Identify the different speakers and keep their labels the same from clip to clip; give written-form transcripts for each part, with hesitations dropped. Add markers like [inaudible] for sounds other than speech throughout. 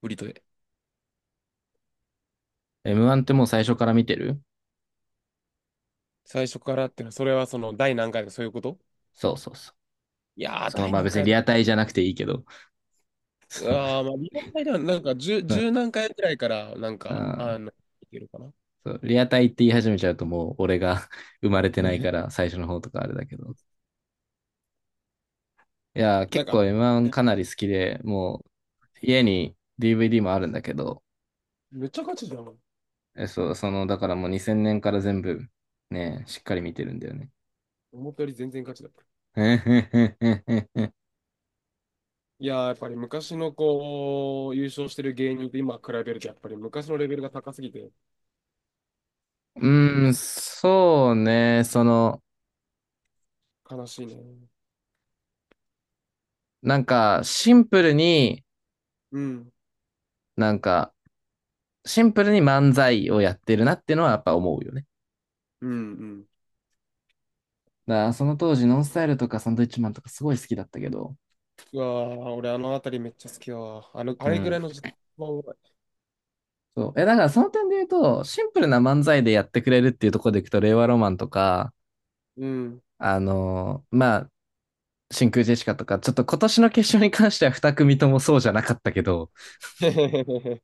Speaker 1: ブリトで。
Speaker 2: M1 ってもう最初から見てる。
Speaker 1: 最初からっていうのは、それはその、第何回とかそういうこと？
Speaker 2: そうそうそう。
Speaker 1: 第
Speaker 2: まあ
Speaker 1: 何
Speaker 2: 別に
Speaker 1: 回だ。
Speaker 2: リアタイじゃなくていいけど、[laughs] そう、
Speaker 1: まあ、リアルタイでは、10、十何回くらいから、
Speaker 2: あ
Speaker 1: いけるかな。
Speaker 2: そうリアタイって言い始めちゃうともう俺が [laughs] 生まれてない
Speaker 1: ね。
Speaker 2: から最初の方とかあれだけど。いや
Speaker 1: な
Speaker 2: 結
Speaker 1: んか、
Speaker 2: 構 M1 かなり好きで、もう家に DVD もあるんだけど、
Speaker 1: めっちゃ勝ちじゃん。
Speaker 2: え、そう、その、だからもう2000年から全部ね、しっかり見てるんだよね。
Speaker 1: 思ったより全然勝ちだった。
Speaker 2: [laughs]
Speaker 1: いやー、やっぱり昔のこう、優勝してる芸人と今比べると、やっぱり昔のレベルが高すぎて、
Speaker 2: そうね、
Speaker 1: 悲しいね。
Speaker 2: シンプルに、
Speaker 1: うん、
Speaker 2: なんか、シンプルに漫才をやってるなっていうのはやっぱ思うよね。
Speaker 1: うん、うん。
Speaker 2: だからその当時ノンスタイルとかサンドイッチマンとかすごい好きだったけど、
Speaker 1: うわー、俺あのあたりめっちゃ好きだわ。あの、あ
Speaker 2: う
Speaker 1: れぐら
Speaker 2: ん。
Speaker 1: いの時間はうまい。
Speaker 2: そう。だからその点で言うと、シンプルな漫才でやってくれるっていうところでいくと、令和ロマンとか、
Speaker 1: うん。
Speaker 2: あのーまあ、真空ジェシカとか、ちょっと今年の決勝に関しては二組ともそうじゃなかったけど、
Speaker 1: [laughs]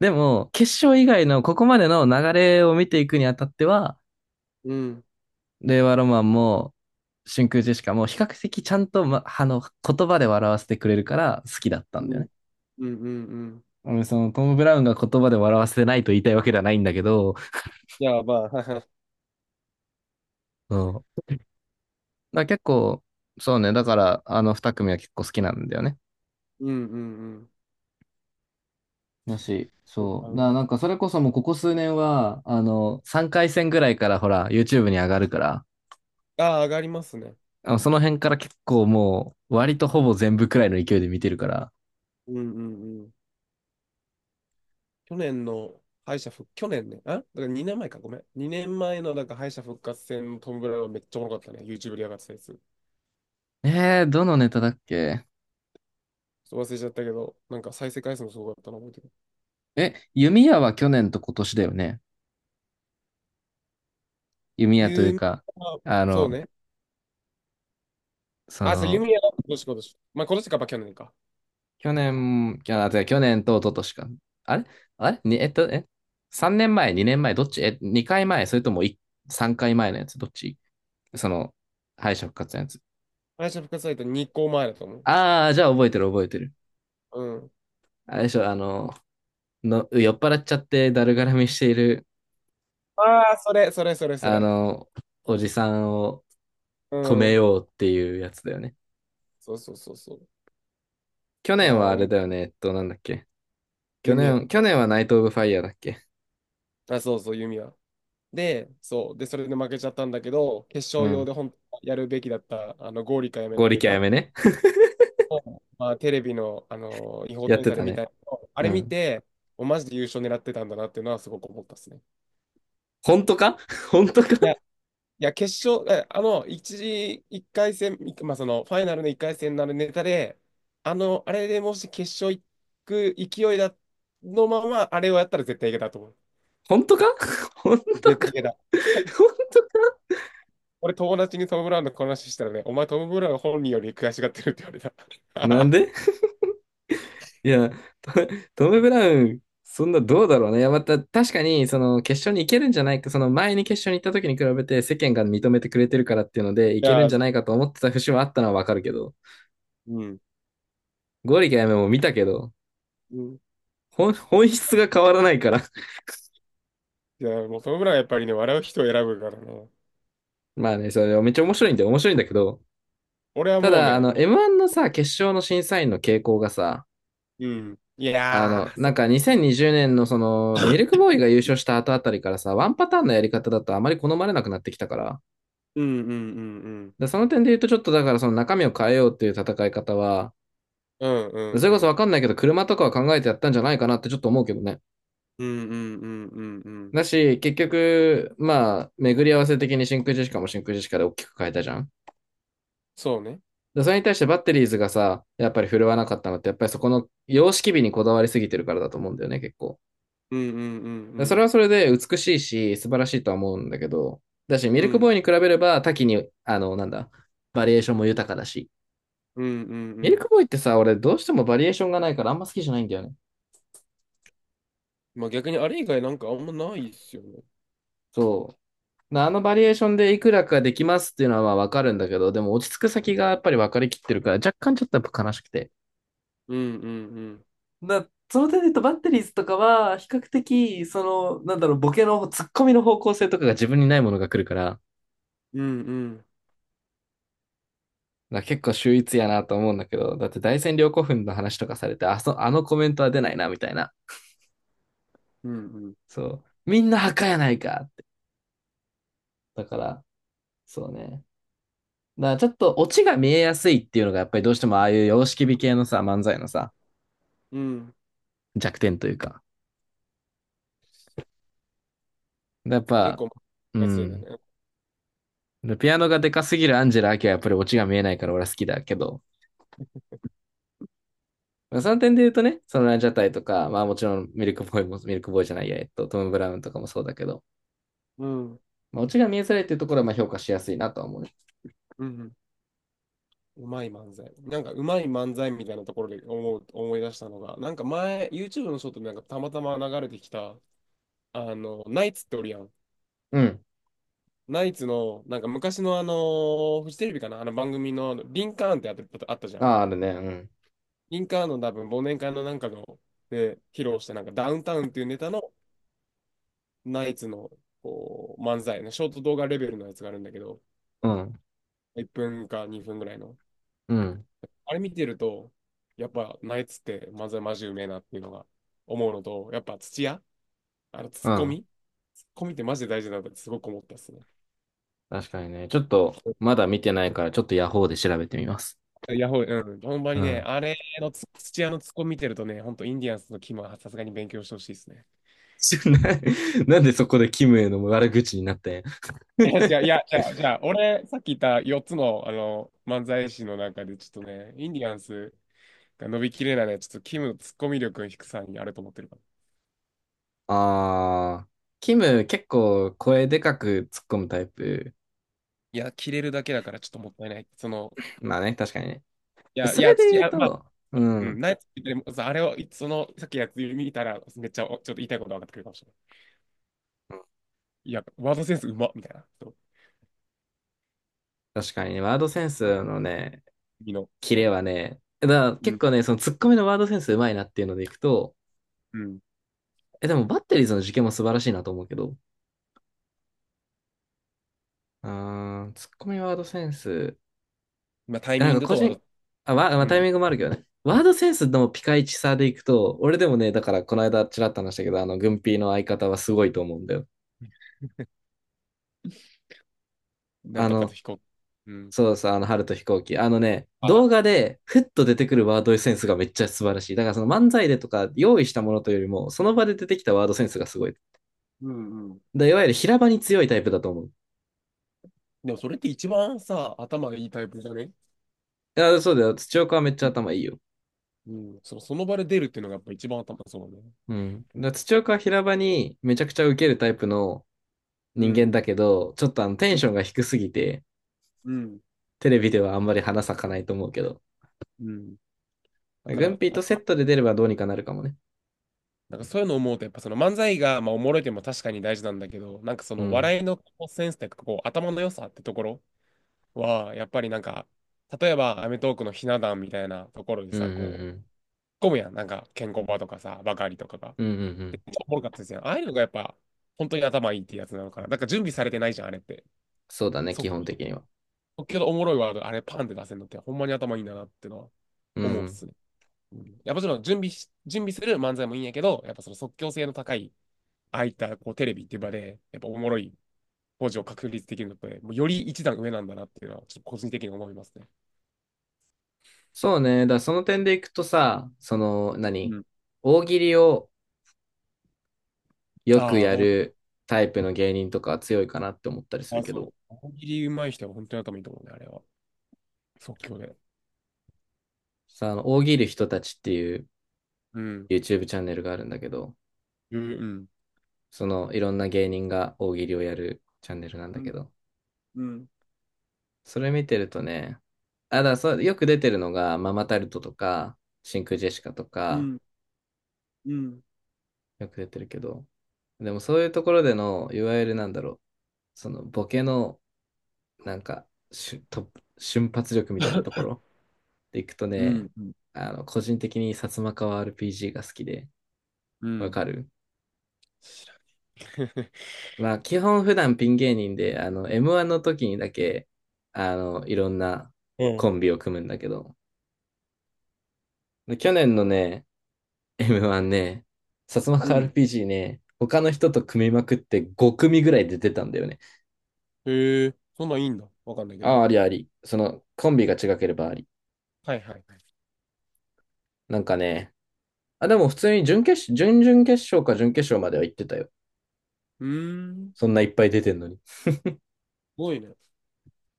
Speaker 2: でも、決勝以外のここまでの流れを見ていくにあたっては、
Speaker 1: うん、
Speaker 2: 令和ロマンも真空ジェシカも比較的ちゃんと、ま、あの、言葉で笑わせてくれるから好きだった
Speaker 1: う
Speaker 2: んだよ
Speaker 1: ん、
Speaker 2: ね。
Speaker 1: うん、うん、うん。
Speaker 2: うんそのトム・ブラウンが言葉で笑わせてないと言いたいわけではないんだけど、
Speaker 1: いや、まあ、はいはい。
Speaker 2: うん。だから結構、そうね、だから、あの二組は結構好きなんだよね。
Speaker 1: [laughs] うんうんうん。
Speaker 2: だし、
Speaker 1: そう
Speaker 2: そ
Speaker 1: だ
Speaker 2: う。
Speaker 1: ね。
Speaker 2: なんかそれこそもうここ数年は、3回戦ぐらいからほら、YouTube に上がるから、
Speaker 1: ああ上がりますね。
Speaker 2: あのその辺から結構もう、割とほぼ全部くらいの勢いで見てるから。
Speaker 1: うんうんうん。去年の敗者復、去年ね。あ、だから2年前か、ごめん。2年前のなんか敗者復活戦のトム・ブラウンめっちゃおもろかったね。YouTube で上がってたやつ。
Speaker 2: どのネタだっけ。
Speaker 1: ちょっと忘れちゃったけど、なんか再生回数もすごかったの覚えてる。
Speaker 2: 弓矢は去年と今年だよね。弓矢という
Speaker 1: ユミ。
Speaker 2: か、
Speaker 1: あ、
Speaker 2: あ
Speaker 1: そう
Speaker 2: の、
Speaker 1: ね。
Speaker 2: そ
Speaker 1: あ、そう、ユ
Speaker 2: の、
Speaker 1: ミヤ今年今年。まあ今年か、まあ去年か。
Speaker 2: 去年、きゃあ、違う去年と一昨年か。あれあれに、えっと、え ?3 年前、2年前、どっちえ、2回前、それとも3回前のやつ、どっち、その、敗者復活のやつ。
Speaker 1: 敗者復活サイト2個前だと思う。
Speaker 2: ああ、じゃあ覚えてる覚えてる。
Speaker 1: うん。
Speaker 2: あれでしょ、酔っ払っちゃってだるがらみしている、
Speaker 1: ああ、それ、それ、それ、そ
Speaker 2: あ
Speaker 1: れ。
Speaker 2: の、おじさんを
Speaker 1: う
Speaker 2: 止め
Speaker 1: ん。
Speaker 2: ようっていうやつだよね。
Speaker 1: そうそうそうそう。
Speaker 2: 去
Speaker 1: いやー、
Speaker 2: 年はあ
Speaker 1: お
Speaker 2: れ
Speaker 1: も、
Speaker 2: だよね、えっと、なんだっけ。
Speaker 1: ユミヤ。
Speaker 2: 去年はナイト・オブ・ファイヤーだっけ。
Speaker 1: あ、そうそう、弓矢。で、そう。で、それで負けちゃったんだけど、決
Speaker 2: う
Speaker 1: 勝用
Speaker 2: ん。
Speaker 1: で本当はやるべきだった、あの、ゴーリカやめの
Speaker 2: 剛
Speaker 1: ネ
Speaker 2: 力あや
Speaker 1: タ
Speaker 2: めね。
Speaker 1: を、まあ、テレビの、あの、違
Speaker 2: [laughs]
Speaker 1: 法
Speaker 2: やっ
Speaker 1: 転
Speaker 2: て
Speaker 1: 載で
Speaker 2: た
Speaker 1: 見
Speaker 2: ね。
Speaker 1: たやつをあ
Speaker 2: う
Speaker 1: れ見
Speaker 2: ん。
Speaker 1: て、おマジで優勝狙ってたんだなっていうのはすごく思ったですね。
Speaker 2: 本当か。 [laughs] 本当か。
Speaker 1: いや、決勝、えあの、一時、一回戦、いまあ、その、ファイナルの一回戦のあのネタで、あれでもし決勝行く勢いだのまま、あれをやったら絶対いけたと思う。
Speaker 2: 本当か。 [laughs] 本当
Speaker 1: 絶
Speaker 2: か。
Speaker 1: 対い
Speaker 2: [laughs]
Speaker 1: けた。
Speaker 2: 本当か。
Speaker 1: 俺友達にトム・ブラウンのこの話したらね、お前トム・ブラウン本人より悔しがってるって言われ
Speaker 2: なん
Speaker 1: た。
Speaker 2: で。
Speaker 1: [laughs]
Speaker 2: いや、トトム・ブラウン、そんなどうだろうね。いや、また確かに、その決勝に行けるんじゃないか、その前に決勝に行った時に比べて世間が認めてくれてるからっていうので、行
Speaker 1: い
Speaker 2: けるん
Speaker 1: やー、
Speaker 2: じゃ
Speaker 1: そ
Speaker 2: ないかと思ってた節はあったのはわかるけど、
Speaker 1: う。うん。
Speaker 2: ゴリかやめも見たけど、
Speaker 1: うん。
Speaker 2: 本質が変わらないから。[laughs]
Speaker 1: いや、もうトム・ブラウンはやっぱりね、笑う人を選ぶからね。
Speaker 2: まあね、それめっちゃ面白いんだよ。面白いんだけど、
Speaker 1: 俺は
Speaker 2: た
Speaker 1: もう
Speaker 2: だ、あ
Speaker 1: ね、
Speaker 2: の、
Speaker 1: も
Speaker 2: M1 のさ、決勝の審査員の傾向がさ、
Speaker 1: う、うん。いやー、そ
Speaker 2: 2020年のその、ミルクボーイが優勝した後あたりからさ、ワンパターンのやり方だとあまり好まれなくなってきたから。
Speaker 1: う。うんうんうんうん。
Speaker 2: で、その点で言うとちょっとだからその中身を変えようっていう戦い方は、
Speaker 1: うんうん
Speaker 2: それ
Speaker 1: う
Speaker 2: こそわ
Speaker 1: ん。
Speaker 2: かんないけど、車とかは考えてやったんじゃないかなってちょっと思うけどね。
Speaker 1: うんうんうんうんうん。
Speaker 2: だし、結局、まあ、巡り合わせ的に真空ジェシカも真空ジェシカで大きく変えたじゃん。
Speaker 1: そうね。
Speaker 2: で、それに対してバッテリーズがさ、やっぱり振るわなかったのって、やっぱりそこの様式美にこだわりすぎてるからだと思うんだよね、結構。
Speaker 1: うんうんうん
Speaker 2: で
Speaker 1: う
Speaker 2: それ
Speaker 1: ん。
Speaker 2: はそれで美しいし、素晴らしいとは思うんだけど、だし、ミ
Speaker 1: う
Speaker 2: ルクボ
Speaker 1: ん
Speaker 2: ーイに比べれば多岐に、あの、なんだ、バリエーションも豊かだし。
Speaker 1: うんうんう
Speaker 2: ミル
Speaker 1: ん。
Speaker 2: クボーイってさ、俺どうしてもバリエーションがないからあんま好きじゃないんだよね。
Speaker 1: まあ逆にあれ以外なんかあんまないっすよね。
Speaker 2: そう。あのバリエーションでいくらかできますっていうのはまあわかるんだけど、でも落ち着く先がやっぱり分かりきってるから、若干ちょっとやっぱ悲しくて。
Speaker 1: うんうんうん。
Speaker 2: だその点で言うとバッテリーズとかは、比較的、ボケの、ツッコミの方向性とかが自分にないものが来るから、
Speaker 1: うんうん
Speaker 2: だから結構秀逸やなと思うんだけど、だって大戦陵古墳の話とかされて、あのコメントは出ないな、みたいな。
Speaker 1: うんうん。
Speaker 2: そう。みんな墓やないかって。だから、そうね。だからちょっとオチが見えやすいっていうのが、やっぱりどうしてもああいう様式美系のさ、漫才のさ、
Speaker 1: うん。
Speaker 2: 弱点というか。やっ
Speaker 1: 結
Speaker 2: ぱ、
Speaker 1: 構、
Speaker 2: う
Speaker 1: マジだ
Speaker 2: ん。
Speaker 1: ね。
Speaker 2: でピアノがでかすぎるアンジェラ・アキはやっぱりオチが見えないから俺は好きだけど、まあその点で言うとね、そのランジャタイとか、まあもちろんミルクボーイも、ミルクボーイじゃないや、えっと、トム・ブラウンとかもそうだけど、
Speaker 1: うん。うん
Speaker 2: まあ、オチが見えづらいっていうところはまあ評価しやすいなとは思うね。
Speaker 1: うん。うまい漫才。なんかうまい漫才みたいなところで思う、思い出したのが、なんか前、YouTube のショートでなんかたまたま流れてきた、あの、ナイツっておるやん。
Speaker 2: うん。
Speaker 1: ナイツの、なんか昔のあの、フジテレビかな、あの番組のリンカーンってあった、あったじゃ
Speaker 2: あ
Speaker 1: ん。
Speaker 2: あ、あるね。うん。
Speaker 1: リンカーンの多分忘年会のなんかの、で、披露したなんかダウンタウンっていうネタのナイツのこう漫才のショート動画レベルのやつがあるんだけど、
Speaker 2: うん。
Speaker 1: 1分か2分ぐらいの。
Speaker 2: うん。
Speaker 1: あれ見てると、やっぱ、ナイツって漫才マジうめえなっていうのが思うのと、やっぱ土屋、あのツ
Speaker 2: う
Speaker 1: ッコ
Speaker 2: ん。
Speaker 1: ミ、ツッコミってマジで大事だなってすごく思ったっすね。
Speaker 2: 確かにね。ちょっと、まだ見てないから、ちょっとヤホーで調べてみます。
Speaker 1: ヤホー、うん、ほんま
Speaker 2: う
Speaker 1: にね、
Speaker 2: ん。
Speaker 1: あれの土屋のツッコミ見てるとね、ほんとインディアンスのキムはさすがに勉強してほしいですね。
Speaker 2: [laughs] な、なんでそこでキムへの悪口になってん。
Speaker 1: [laughs] いや、じゃあ、いや、
Speaker 2: [laughs]
Speaker 1: じゃあ、じゃあ俺、さっき言った4つの、あの漫才師の中で、ちょっとね、インディアンスが伸びきれないのは、ちょっとキムのツッコミ力の低さにあると思ってるから。
Speaker 2: ああ、キム結構声でかく突っ込むタイプ。
Speaker 1: いや、切れるだけだからちょっともったいない。その、
Speaker 2: まあね、確かにね。それで
Speaker 1: 土
Speaker 2: 言う
Speaker 1: 屋、まあ
Speaker 2: と、う
Speaker 1: うん、
Speaker 2: ん。
Speaker 1: ナイツって言ってもさあれを、その、さっきやつ見たら、めっちゃ、おちょっと言いたいこと分かってくるかもしれない。いや、ワードセンスうまっみたいな。そう。
Speaker 2: 確かにね、ワードセンスのね、
Speaker 1: 君の、
Speaker 2: キレ
Speaker 1: そ
Speaker 2: はね、だから
Speaker 1: う。う
Speaker 2: 結
Speaker 1: ん、
Speaker 2: 構ね、その突っ込みのワードセンスうまいなっていうのでいくと、
Speaker 1: うん。
Speaker 2: え、でもバッテリーズの事件も素晴らしいなと思うけど、あー、ツッコミワードセンス。
Speaker 1: まあ、タイ
Speaker 2: なん
Speaker 1: ミン
Speaker 2: か
Speaker 1: グ
Speaker 2: 個
Speaker 1: とワー
Speaker 2: 人、
Speaker 1: ド、
Speaker 2: あ、わ、まあ、
Speaker 1: う
Speaker 2: タイミ
Speaker 1: ん。
Speaker 2: ングもあるけどね。ワードセンスのピカイチさでいくと、俺でもね、だからこの間ちらっと話したけど、あの、軍ピーの相方はすごいと思うんだよ。
Speaker 1: なん
Speaker 2: あ
Speaker 1: とかと
Speaker 2: の、
Speaker 1: 飛行。うん。
Speaker 2: そう、あの、春と飛行機。あのね、
Speaker 1: あ、
Speaker 2: 動画でふっと出てくるワードセンスがめっちゃ素晴らしい。だからその漫才でとか用意したものというよりも、その場で出てきたワードセンスがすごい。
Speaker 1: うんうん。
Speaker 2: だ、いわゆる平場に強いタイプだと思う。
Speaker 1: でも、それって一番さ、頭がいいタイプじゃね？
Speaker 2: いや、そうだよ。土岡はめっち
Speaker 1: う
Speaker 2: ゃ
Speaker 1: ん、
Speaker 2: 頭いいよ。
Speaker 1: うん。その、その場で出るっていうのがやっぱ一番頭そうだね。
Speaker 2: うん。だから土岡は平場にめちゃくちゃ受けるタイプの、
Speaker 1: う
Speaker 2: 人間
Speaker 1: ん。
Speaker 2: だけど、ちょっとあのテンションが低すぎて、
Speaker 1: うん。
Speaker 2: テレビではあんまり花咲かないと思うけど、
Speaker 1: うん。だか
Speaker 2: グ
Speaker 1: ら、
Speaker 2: ンピー
Speaker 1: あ、
Speaker 2: とセットで出ればどうにかなるかもね。
Speaker 1: なんかそういうのを思うと、やっぱその漫才が、まあ、おもろいっていうのも確かに大事なんだけど、なんかそ
Speaker 2: う
Speaker 1: の
Speaker 2: ん。
Speaker 1: 笑いのセンスというか、こう、頭の良さってところは、やっぱりなんか、例えば、アメトーークのひな壇みたいなところで
Speaker 2: うんう
Speaker 1: さ、
Speaker 2: んう
Speaker 1: こう、
Speaker 2: ん。
Speaker 1: 混むやん。なんか、ケンコバとかさ、ばかりとかが。
Speaker 2: うんうんうん。
Speaker 1: で、めっおもろかったですよ。ああいうのがやっぱ、本当に頭いいってやつなのかな。なんか準備されてないじゃん、あれって。
Speaker 2: そうだね、基
Speaker 1: 即
Speaker 2: 本的には。
Speaker 1: 興のおもろいワード、あれパンって出せるのって、ほんまに頭いいんだなってのは
Speaker 2: う
Speaker 1: 思うっ
Speaker 2: ん。
Speaker 1: すね。うん、いや、もちろん準備し、準備する漫才もいいんやけど、やっぱその即興性の高い、ああいったこうテレビっていう場で、やっぱおもろい工事を確立できるのって、もうより一段上なんだなっていうのは、ちょっと個人的に思いますね。
Speaker 2: そうね。だからその点でいくとさ、
Speaker 1: うん。
Speaker 2: 大喜利をよく
Speaker 1: あ
Speaker 2: や
Speaker 1: あ、
Speaker 2: るタイプの芸人とかは強いかなって思ったりする
Speaker 1: あ、
Speaker 2: けど、
Speaker 1: そう。大喜利上手い人は本当に頭いいと思うね、あれは。即興で。
Speaker 2: あの、大喜利人たちっていう
Speaker 1: うん。
Speaker 2: YouTube チャンネルがあるんだけど、
Speaker 1: うん。
Speaker 2: その、いろんな芸人が大喜利をやるチャンネルなんだ
Speaker 1: う
Speaker 2: け
Speaker 1: ん。
Speaker 2: ど、
Speaker 1: うん。
Speaker 2: それ見てるとね、だからそう、よく出てるのが、ママタルトとか、真空ジェシカと
Speaker 1: う
Speaker 2: か、
Speaker 1: ん。うん。うん。
Speaker 2: よく出てるけど、でもそういうところでの、いわゆるなんだろう、そのボケの、なんか、しゅ、と、瞬発力みたいなとこ
Speaker 1: [laughs]
Speaker 2: ろでいくと
Speaker 1: う
Speaker 2: ね、
Speaker 1: ん。
Speaker 2: あの、個人的に薩摩川 RPG が好きで、
Speaker 1: う
Speaker 2: わ
Speaker 1: ん。
Speaker 2: かる。
Speaker 1: 知らない。
Speaker 2: まあ、基本普段ピン芸人で、あの、M1 の時にだけ、あの、いろんな
Speaker 1: [laughs] うん。
Speaker 2: コン
Speaker 1: [laughs]
Speaker 2: ビを組むんだけど、で去年のね、M1 ね、薩摩
Speaker 1: う
Speaker 2: 川
Speaker 1: ん。
Speaker 2: RPG ね、他の人と組みまくって5組ぐらいで出たんだよね。
Speaker 1: へえ、そんなんいいんだ。わかんないけ
Speaker 2: ああ、
Speaker 1: ど。
Speaker 2: ありあり。その、コンビが違ければあり。
Speaker 1: はいはい。
Speaker 2: なんかね、あ、でも普通に準々決勝か準決勝までは行ってたよ。
Speaker 1: うーん。
Speaker 2: そん
Speaker 1: す
Speaker 2: ないっぱい出てんのに。
Speaker 1: ごいね。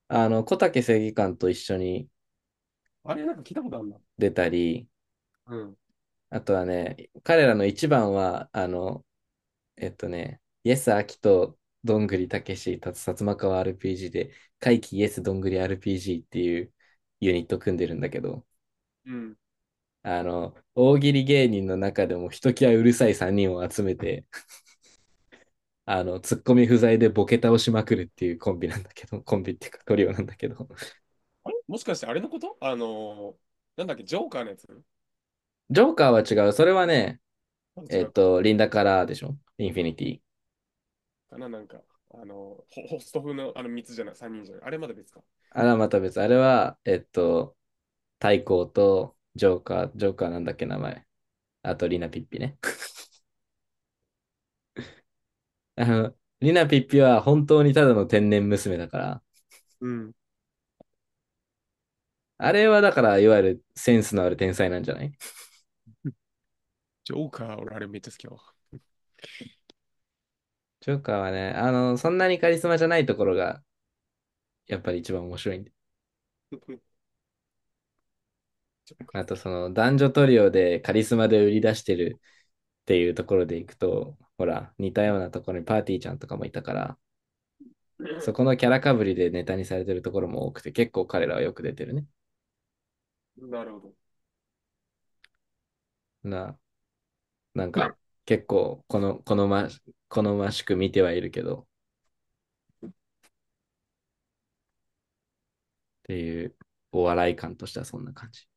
Speaker 2: あの、小竹正義感と一緒に
Speaker 1: あれなんか聞いたことあるな。
Speaker 2: 出たり、
Speaker 1: うん。
Speaker 2: あとはね、彼らの一番は、イエス・アキとどんぐりたけし、たつ薩摩川 RPG で、怪奇イエス・どんぐり RPG っていうユニット組んでるんだけど、
Speaker 1: うん。
Speaker 2: あの、大喜利芸人の中でもひときわうるさい3人を集めて、[laughs] あの、ツッコミ不在でボケ倒しまくるっていうコンビなんだけど、[laughs] コンビっていうかトリオなんだけど。
Speaker 1: あれもしかしてあれのこと、あのー、なんだっけ、ジョーカーのやつ？
Speaker 2: ジョーカーは違う。それはね、
Speaker 1: なんか違
Speaker 2: えっ
Speaker 1: うか。
Speaker 2: と、リンダからでしょインフィニティ。
Speaker 1: かな、なんか、ホスト風のあの3つじゃない、3人じゃない。あれまだ別か。
Speaker 2: あれはまた別。あれは、えっと、太閤とジョーカー、ジョーカーなんだっけ名前。あと、リナピッピね。[laughs] あの、リナピッピは本当にただの天然娘だから、
Speaker 1: うん。
Speaker 2: あれはだから、いわゆるセンスのある天才なんじゃない。
Speaker 1: [laughs] ジョーカー、俺あれめっちゃ好きやわ。
Speaker 2: ジョーカーはね、あの、そんなにカリスマじゃないところが、やっぱり一番面白いんで。
Speaker 1: [laughs] そっか。
Speaker 2: あと、その、男女トリオでカリスマで売り出してるっていうところでいくと、ほら、似たようなところにパーティーちゃんとかもいたから、そこ
Speaker 1: [laughs]
Speaker 2: のキャラかぶりでネタにされてるところも多くて、結構彼らはよく出てるね。
Speaker 1: なるほど。
Speaker 2: な、なんか、結構、この、好ま、好ましく見てはいるけど、っていう、お笑い感としてはそんな感じ。